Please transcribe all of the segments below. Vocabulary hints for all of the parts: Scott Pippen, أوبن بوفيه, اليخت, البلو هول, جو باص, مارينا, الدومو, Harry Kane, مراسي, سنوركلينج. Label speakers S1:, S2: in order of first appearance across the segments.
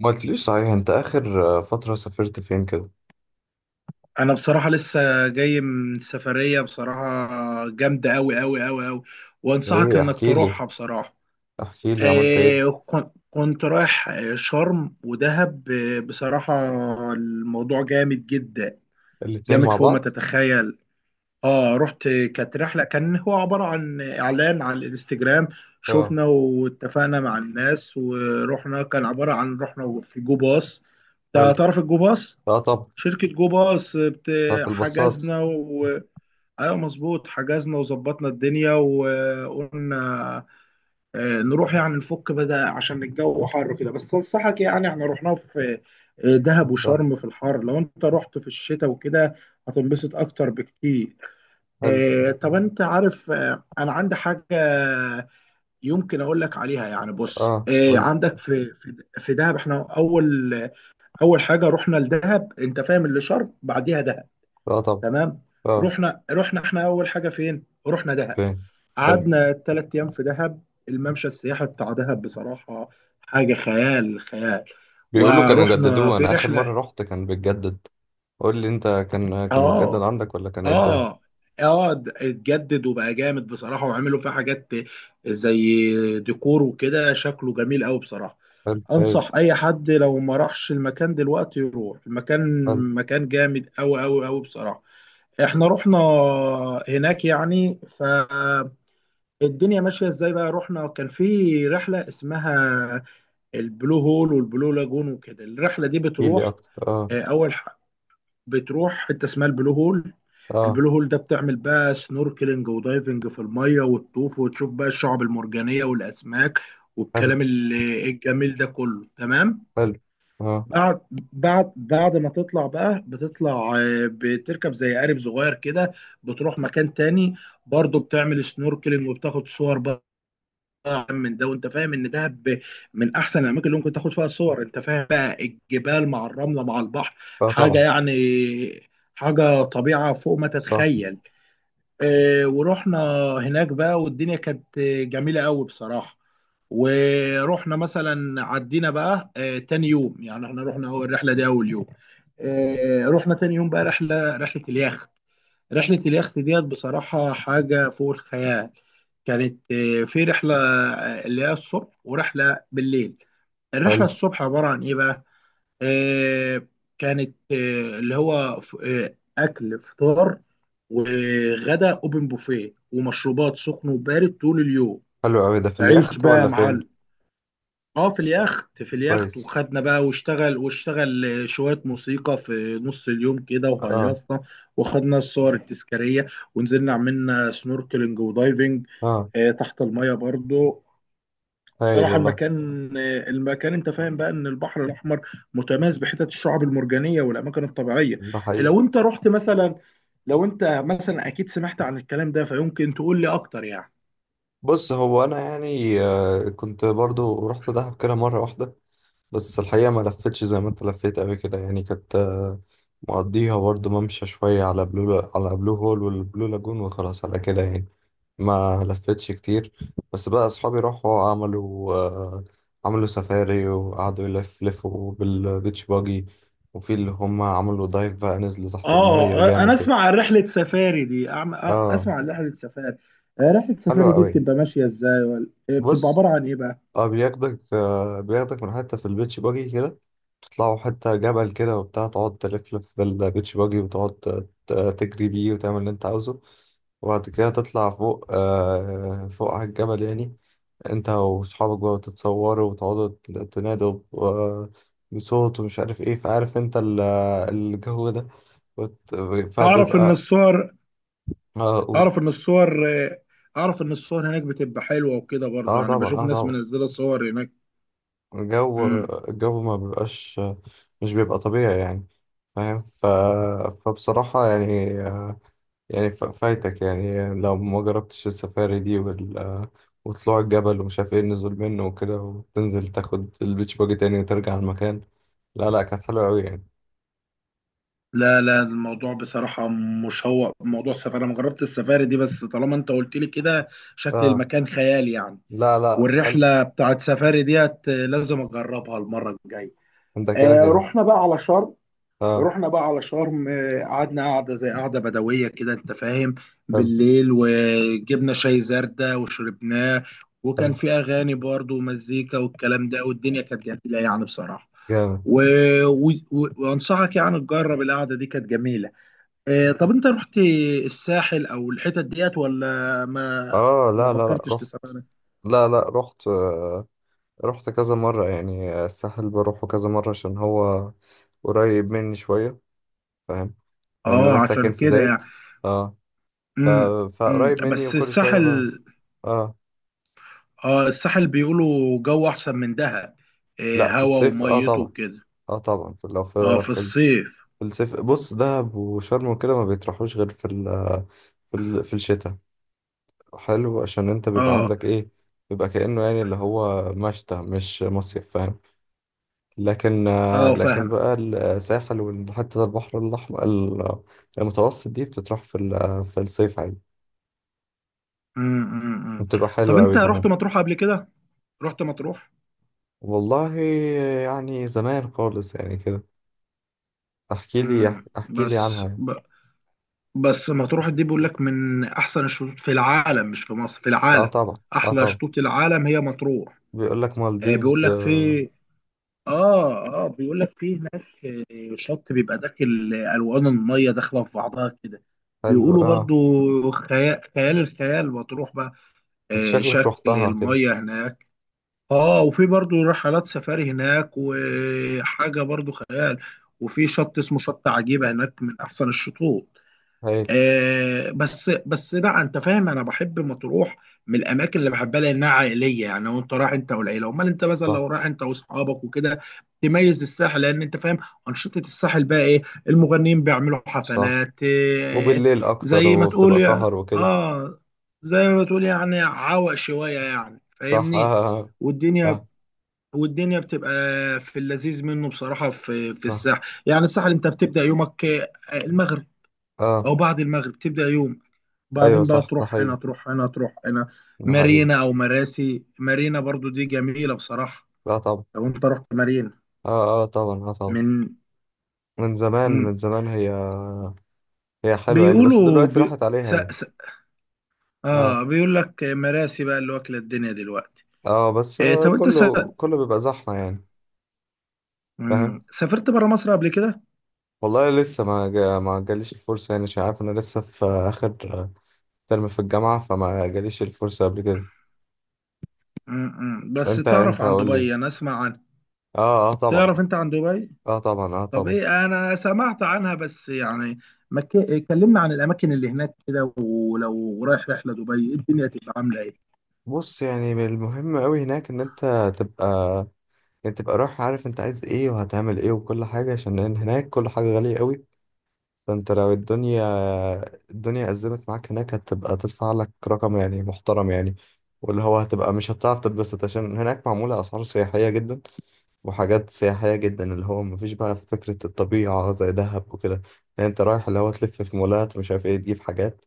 S1: ما قلتليش، صحيح انت اخر فترة سافرت فين كده؟
S2: انا بصراحه لسه جاي من سفريه. بصراحه جامده قوي قوي قوي قوي، وانصحك
S1: ايه،
S2: انك
S1: احكي لي
S2: تروحها بصراحه.
S1: احكي لي عملت ايه؟
S2: كنت رايح، شرم ودهب. بصراحه الموضوع جامد جدا،
S1: الاتنين
S2: جامد
S1: مع
S2: فوق ما
S1: بعض؟
S2: تتخيل. اه، رحت. كانت رحله، كان هو عباره عن اعلان على الانستجرام.
S1: اه.
S2: شفنا واتفقنا مع الناس ورحنا. كان عباره عن رحنا في جو باص.
S1: حلو.
S2: تعرف الجو باص؟
S1: اه طب.
S2: شركة جو باص
S1: بتاعت الباصات.
S2: حجزنا و... ايوه مظبوط. حجزنا وظبطنا الدنيا وقلنا نروح يعني نفك بدأ عشان الجو حر كده. بس انصحك يعني احنا رحناه في دهب
S1: اه.
S2: وشرم في الحر. لو انت رحت في الشتاء وكده هتنبسط اكتر بكتير.
S1: حلو.
S2: طب انت عارف، انا عندي حاجة يمكن اقول لك عليها يعني. بص،
S1: اه، قولي.
S2: عندك في دهب، احنا اول... اول حاجة رحنا لدهب. انت فاهم اللي شرم بعديها دهب.
S1: اه طب.
S2: تمام.
S1: اه
S2: رحنا احنا اول حاجه فين؟ رحنا دهب.
S1: فين؟ حلو.
S2: قعدنا 3 ايام في دهب. الممشى السياحي بتاع دهب بصراحه حاجه خيال، خيال.
S1: بيقولوا كانوا
S2: ورحنا
S1: جددوه،
S2: في
S1: انا اخر
S2: رحله.
S1: مرة رحت كان بيتجدد. قول لي انت. كان متجدد
S2: اه
S1: عندك ولا كان ايه الدنيا؟
S2: اه اتجدد وبقى جامد بصراحه، وعملوا فيه حاجات زي ديكور وكده، شكله جميل قوي بصراحه.
S1: حلو حلو
S2: انصح اي حد لو ما راحش المكان دلوقتي يروح المكان.
S1: حلو.
S2: مكان جامد قوي قوي قوي بصراحه. احنا رحنا هناك يعني. فالدنيا ماشيه ازاي بقى، رحنا كان في رحله اسمها البلو هول والبلو لاجون وكده. الرحله دي
S1: احكي لي
S2: بتروح
S1: اكتر. اه.
S2: آه، اول ح- بتروح حته اسمها البلو هول.
S1: اه.
S2: البلو هول ده بتعمل بقى سنوركلينج ودايفنج في الميه، وتطوف وتشوف بقى الشعب المرجانيه والاسماك
S1: حلو
S2: والكلام الجميل ده كله. تمام.
S1: حلو. اه.
S2: بعد ما تطلع بقى، بتطلع بتركب زي قارب صغير كده. بتروح مكان تاني، برضه بتعمل سنوركلينج وبتاخد صور بقى من ده. وانت فاهم ان دهب من احسن الاماكن اللي ممكن تاخد فيها صور. انت فاهم بقى الجبال مع الرمله مع البحر،
S1: اه
S2: حاجه
S1: طبعا.
S2: يعني، حاجه طبيعه فوق ما
S1: صح.
S2: تتخيل. ورحنا هناك بقى، والدنيا كانت جميلة قوي بصراحة. ورحنا مثلا عدينا بقى تاني يوم. يعني احنا رحنا هو الرحلة دي أول يوم. رحنا تاني يوم بقى رحلة اليخت. رحلة اليخت ديت بصراحة حاجة فوق الخيال. كانت في رحلة، اللي هي الصبح ورحلة بالليل. الرحلة
S1: حلو
S2: الصبح عبارة عن إيه بقى؟ آه، كانت اللي هو اكل فطار وغدا اوبن بوفيه، ومشروبات سخن وبارد طول اليوم.
S1: حلو قوي، ده في
S2: عيش
S1: اليخت
S2: بقى يا
S1: ولا فين؟
S2: معلم. اه، في اليخت،
S1: كويس.
S2: وخدنا بقى، واشتغل شوية موسيقى في نص اليوم كده
S1: اه.
S2: وهيصنا. وخدنا الصور التذكارية، ونزلنا عملنا سنوركلينج ودايفنج
S1: اه
S2: تحت المية برضو.
S1: هايل
S2: بصراحة
S1: والله.
S2: المكان، انت فاهم بقى ان البحر الاحمر متميز بحتت الشعب المرجانية والاماكن الطبيعية.
S1: ده حقيقي.
S2: لو انت رحت مثلا لو انت مثلا اكيد سمعت عن الكلام ده، فيمكن تقول لي اكتر يعني.
S1: بص، هو انا يعني كنت برضو رحت دهب كده مره واحده. بس الحقيقه ما لفتش زي ما انت لفيت قوي كده، يعني كنت مقضيها برضو ممشى شويه على بلو، على بلو هول والبلو لاجون، وخلاص على كده يعني. ما لفتش كتير، بس بقى اصحابي راحوا عملوا عملوا سفاري وقعدوا يلف لفوا بالبيتش باجي. وفي اللي هم عملوا دايف بقى، نزلوا تحت المية
S2: اه، انا
S1: جامد. اه.
S2: اسمع عن رحلة سفاري. رحلة
S1: حلوة
S2: سفاري دي
S1: قوي.
S2: بتبقى ماشية ازاي، ولا بتبقى
S1: بص،
S2: عبارة عن ايه بقى؟
S1: اه بياخدك من حتة في البيتش باجي كده، تطلعوا حتة جبل كده وبتاع، تقعد تلفلف بالبيتش باجي، وتقعد تجري بيه وتعمل اللي انت عاوزه. وبعد كده تطلع فوق على الجبل يعني، انت وصحابك بقى، وتتصوروا وتقعدوا تنادوا بصوت ومش عارف ايه، فعارف انت الجو ده وت-
S2: اعرف ان
S1: فبيبقى.
S2: الصور...
S1: اه قول.
S2: اعرف ان الصور آه، اعرف ان الصور هناك بتبقى حلوة وكده، برضو
S1: اه
S2: يعني
S1: طبعا.
S2: بشوف
S1: اه
S2: ناس
S1: طبعا.
S2: منزلة صور
S1: الجو
S2: هناك.
S1: الجو ما بيبقاش، مش بيبقى طبيعي يعني، فاهم؟ فبصراحة يعني، فايتك يعني لو ما جربتش السفاري دي وطلوع الجبل ومش عارف ايه، النزول منه وكده، وتنزل تاخد البيتش باجي تاني وترجع على المكان. لا لا، كانت حلوة أوي يعني.
S2: لا لا، الموضوع بصراحة مشوق، موضوع السفاري. أنا ما جربت السفاري دي، بس طالما أنت قلت لي كده شكل
S1: اه.
S2: المكان خيالي يعني.
S1: لا لا. حلو.
S2: والرحلة بتاعت سفاري ديت لازم أجربها المرة الجاية.
S1: انت كده كده.
S2: رحنا بقى على شرم.
S1: اه.
S2: رحنا بقى على شرم، قعدنا قعدة زي قعدة بدوية كده أنت فاهم،
S1: حلو
S2: بالليل وجبنا شاي زردة وشربناه. وكان
S1: حلو.
S2: في أغاني برضو ومزيكا والكلام ده، والدنيا كانت جميلة يعني بصراحة.
S1: جامد.
S2: و... وأنصحك يعني تجرب القعدة دي، كانت جميلة. طب انت رحت الساحل او الحتت ديت، ولا ما
S1: اه
S2: ما
S1: لا لا، لا
S2: فكرتش
S1: رحت.
S2: تسافر؟
S1: لا لا، رحت. رحت كذا مرة يعني، الساحل بروحه كذا مرة عشان هو قريب مني شوية، فاهم؟ لأن
S2: اه،
S1: أنا
S2: عشان
S1: ساكن في
S2: كده
S1: زايد.
S2: يعني.
S1: اه. ف...
S2: امم
S1: فقريب مني،
S2: بس
S1: وكل شوية بقى.
S2: الساحل،
S1: اه
S2: اه، الساحل بيقولوا جو احسن من دهب.
S1: لا، في
S2: هوا
S1: الصيف. اه
S2: وميته
S1: طبعا.
S2: وكده.
S1: اه طبعا. في لو
S2: اه
S1: في,
S2: في
S1: في,
S2: الصيف.
S1: في الصيف بص، دهب وشرم وكده ما بيطرحوش غير في في الشتاء. حلو، عشان انت بيبقى
S2: اه
S1: عندك ايه، بيبقى كأنه يعني اللي هو مشتى مش مصيف، فاهم؟ لكن آه،
S2: اه،
S1: لكن
S2: فاهم.
S1: بقى الساحل، وحتى البحر الأحمر المتوسط دي بتطرح في الصيف عادي.
S2: أمم.
S1: بتبقى
S2: طب
S1: حلوة
S2: انت
S1: أوي
S2: رحت
S1: كمان.
S2: مطروح قبل كده؟ رحت مطروح؟
S1: والله يعني زمان خالص يعني كده. احكي
S2: امم
S1: لي احكي لي
S2: بس
S1: عنها يعني.
S2: ب... بس مطروح دي بيقول لك من احسن الشطوط في العالم، مش في مصر، في
S1: اه
S2: العالم.
S1: طبعا. اه
S2: احلى
S1: طبعا.
S2: شطوط العالم هي مطروح.
S1: بيقول لك
S2: آه، بيقول
S1: مالديفز.
S2: لك في
S1: آه.
S2: اه بيقول لك في هناك شط بيبقى داخل، الوان الميه داخله في بعضها كده.
S1: حلو.
S2: بيقولوا
S1: اه،
S2: برضو خيال، خيال الخيال. بتروح بقى
S1: انت شكلك
S2: شكل
S1: رحتها كده.
S2: الميه هناك. اه، وفي برضو رحلات سفاري هناك، وحاجه برضو خيال. وفي شط اسمه شط عجيبه هناك، من احسن الشطوط.
S1: هايل.
S2: آه بس بس لا، انت فاهم انا بحب مطروح، من الاماكن اللي بحبها لانها عائليه يعني، وانت رايح انت والعيله. امال انت مثلا
S1: صح.
S2: لو رايح انت واصحابك وكده تميز الساحل. لان انت فاهم انشطه الساحل بقى ايه. المغنيين بيعملوا
S1: صح،
S2: حفلات،
S1: وبالليل اكتر
S2: زي ما تقول
S1: وبتبقى
S2: يعني.
S1: سهر وكده.
S2: اه زي ما تقول يعني عوق شويه يعني،
S1: صح.
S2: فاهمني؟
S1: اه. اه
S2: والدنيا...
S1: صح،
S2: والدنيا بتبقى في اللذيذ منه بصراحه، في
S1: صح.
S2: الساحل. يعني الساحل انت بتبدا يومك المغرب
S1: اه
S2: او بعد المغرب تبدا يوم،
S1: ايوه
S2: بعدين بقى
S1: صح. ده
S2: تروح
S1: حقيقي.
S2: هنا، تروح هنا، تروح هنا.
S1: ده حقيقي.
S2: مارينا او مراسي. مارينا برضو دي جميلة بصراحة،
S1: لا طبعا.
S2: لو انت رحت مارينا،
S1: اه. اه طبعا. اه طبعا.
S2: من...
S1: من زمان،
S2: مم.
S1: من زمان هي، هي حلوة يعني، بس
S2: بيقولوا
S1: دلوقتي
S2: بي...
S1: راحت عليها
S2: س...
S1: يعني.
S2: س...
S1: اه.
S2: اه بيقول لك مراسي بقى اللي واكلة الدنيا دلوقتي.
S1: اه بس
S2: طب انت س...
S1: كله بيبقى زحمة يعني،
S2: مم.
S1: فاهم.
S2: سافرت برا مصر قبل كده؟
S1: والله لسه ما جاليش الفرصة يعني، مش عارف، انا لسه في اخر ترم في الجامعة، فما جاليش الفرصة قبل كده.
S2: بس
S1: انت
S2: تعرف
S1: انت
S2: عن
S1: قول لي.
S2: دبي؟ انا اسمع عنها.
S1: اه. اه طبعا.
S2: تعرف انت عن دبي؟
S1: اه طبعا. اه
S2: طب
S1: طبعا.
S2: ايه، انا سمعت عنها بس يعني ما ك... كلمنا عن الاماكن اللي هناك كده، ولو رايح رحلة دبي إيه الدنيا تبقى عاملة
S1: بص يعني، من المهم قوي هناك ان انت تبقى، يعني تبقى رايح عارف انت عايز ايه وهتعمل ايه وكل حاجة، عشان هناك كل حاجة غالية قوي. فانت لو الدنيا، الدنيا أزمت معاك هناك، هتبقى تدفع لك رقم يعني محترم يعني، واللي هو هتبقى مش هتعرف تتبسط، عشان هناك معمولة أسعار سياحية جدا وحاجات سياحية جدا، اللي هو مفيش بقى فكرة الطبيعة زي دهب وكده. يعني انت رايح اللي هو تلف في مولات مش عارف ايه، تجيب حاجات،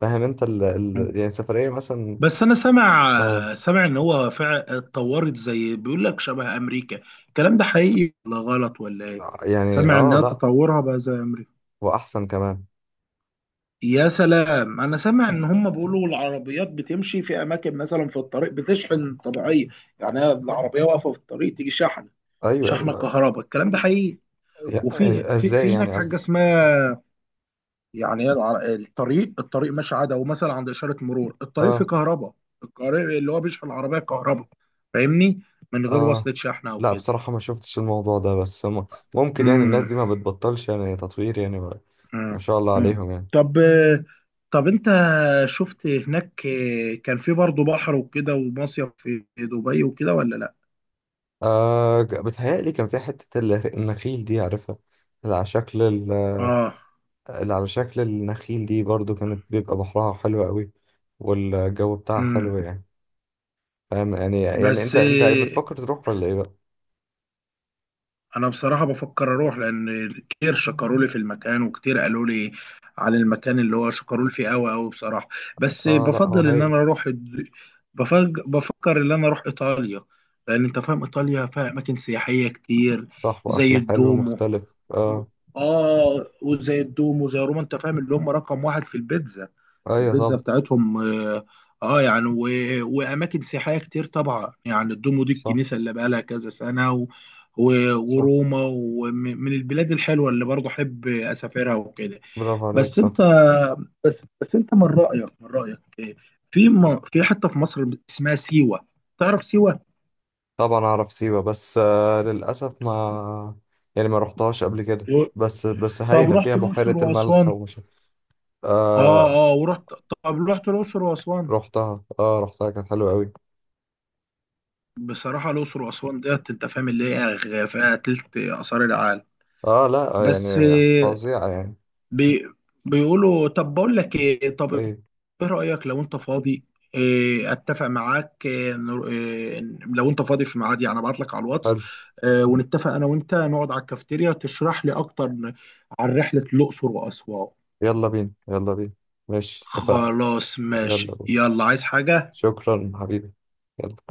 S1: فاهم انت
S2: ايه؟
S1: يعني سفرية مثلا.
S2: بس انا سامع
S1: اه
S2: سامع ان هو فعلا اتطورت، زي بيقول لك شبه امريكا. الكلام ده حقيقي ولا غلط ولا ايه؟
S1: يعني.
S2: سامع
S1: اه
S2: انها
S1: لا،
S2: تطورها بقى زي امريكا.
S1: وأحسن كمان.
S2: يا سلام. انا سامع ان هم بيقولوا العربيات بتمشي في اماكن، مثلا في الطريق بتشحن طبيعيه. يعني هي العربيه واقفه في الطريق تيجي شحنه،
S1: أيوه
S2: شحنه
S1: أيوه.
S2: كهرباء. الكلام ده حقيقي؟ وفي في
S1: ازاي
S2: في هناك
S1: يعني
S2: حاجه
S1: قصدك؟
S2: اسمها... يعني هي الطريق ماشي عادي، او مثلا عند اشاره مرور الطريق فيه
S1: اه.
S2: كهرباء. الطريق اللي هو بيشحن العربيه كهرباء، فاهمني؟ من غير
S1: اه
S2: وصلة شحن او
S1: لا
S2: كده.
S1: بصراحة، ما شفتش الموضوع ده، بس هم ممكن يعني، الناس
S2: امم
S1: دي ما بتبطلش يعني تطوير يعني ما
S2: امم
S1: شاء الله
S2: أمم.
S1: عليهم يعني.
S2: طب، انت شفت هناك كان في برضه بحر وكده ومصيف في دبي وكده، ولا لا؟
S1: بتهيألي كان في حتة النخيل دي، عارفها؟ اللي على شكل
S2: اه
S1: اللي على شكل النخيل دي، برضو كانت بيبقى بحرها حلو قوي، والجو بتاعها
S2: امم
S1: حلو يعني، فاهم يعني. يعني
S2: بس
S1: انت بتفكر تروح ولا ايه بقى؟
S2: انا بصراحه بفكر اروح، لان كتير شكروا لي في المكان وكتير قالوا لي عن المكان اللي هو شكروا لي فيه قوي قوي بصراحه. بس
S1: اه لا، هو
S2: بفضل ان انا
S1: هايل.
S2: اروح بفكر ان انا اروح ايطاليا، لان انت فاهم ايطاليا فيها اماكن سياحيه كتير،
S1: صح، واكل
S2: زي
S1: حلو
S2: الدومو
S1: مختلف.
S2: و...
S1: اه
S2: اه وزي الدومو، زي روما. انت فاهم اللي هم رقم واحد في البيتزا،
S1: ايوه
S2: البيتزا
S1: طبعا.
S2: بتاعتهم. يعني واماكن سياحيه كتير طبعا، يعني الدومو دي
S1: صح.
S2: الكنيسه اللي بقى لها كذا سنه
S1: صح،
S2: وروما، ومن البلاد الحلوه اللي برضه احب اسافرها وكده.
S1: برافو عليك.
S2: بس
S1: صح.
S2: انت بس انت من رايك إيه؟ في حته في مصر اسمها سيوه، تعرف سيوه؟
S1: طبعا اعرف سيوة، بس للاسف، ما رحتهاش قبل كده.
S2: و...
S1: بس
S2: طب
S1: هايلة، فيها
S2: رحت
S1: بحيرة
S2: الاقصر
S1: الملح
S2: واسوان؟
S1: ومش.
S2: اه
S1: آه
S2: اه، ورحت. طب رحت الاقصر واسوان؟
S1: رحتها. اه كانت حلوة قوي.
S2: بصراحه الاقصر واسوان ديت انت فاهم اللي هي فيها تلت اثار العالم.
S1: اه لا
S2: بس
S1: يعني
S2: آه،
S1: فظيعة يعني.
S2: بي بيقولوا... طب بقول لك ايه، طب ايه
S1: طيب.
S2: رأيك، لو انت فاضي؟ اتفق معاك إيه، نر- إيه، لو انت فاضي في ميعاد، يعني ابعت لك على الواتس
S1: حلو.
S2: ونتفق انا وانت نقعد على الكافيتيريا تشرح لي اكتر عن رحلة الاقصر واسوان.
S1: يلا بينا، يلا بينا. ماشي اتفقنا.
S2: خلاص
S1: يلا
S2: ماشي،
S1: بينا.
S2: يلا. عايز حاجة؟
S1: شكرا حبيبي. يلا.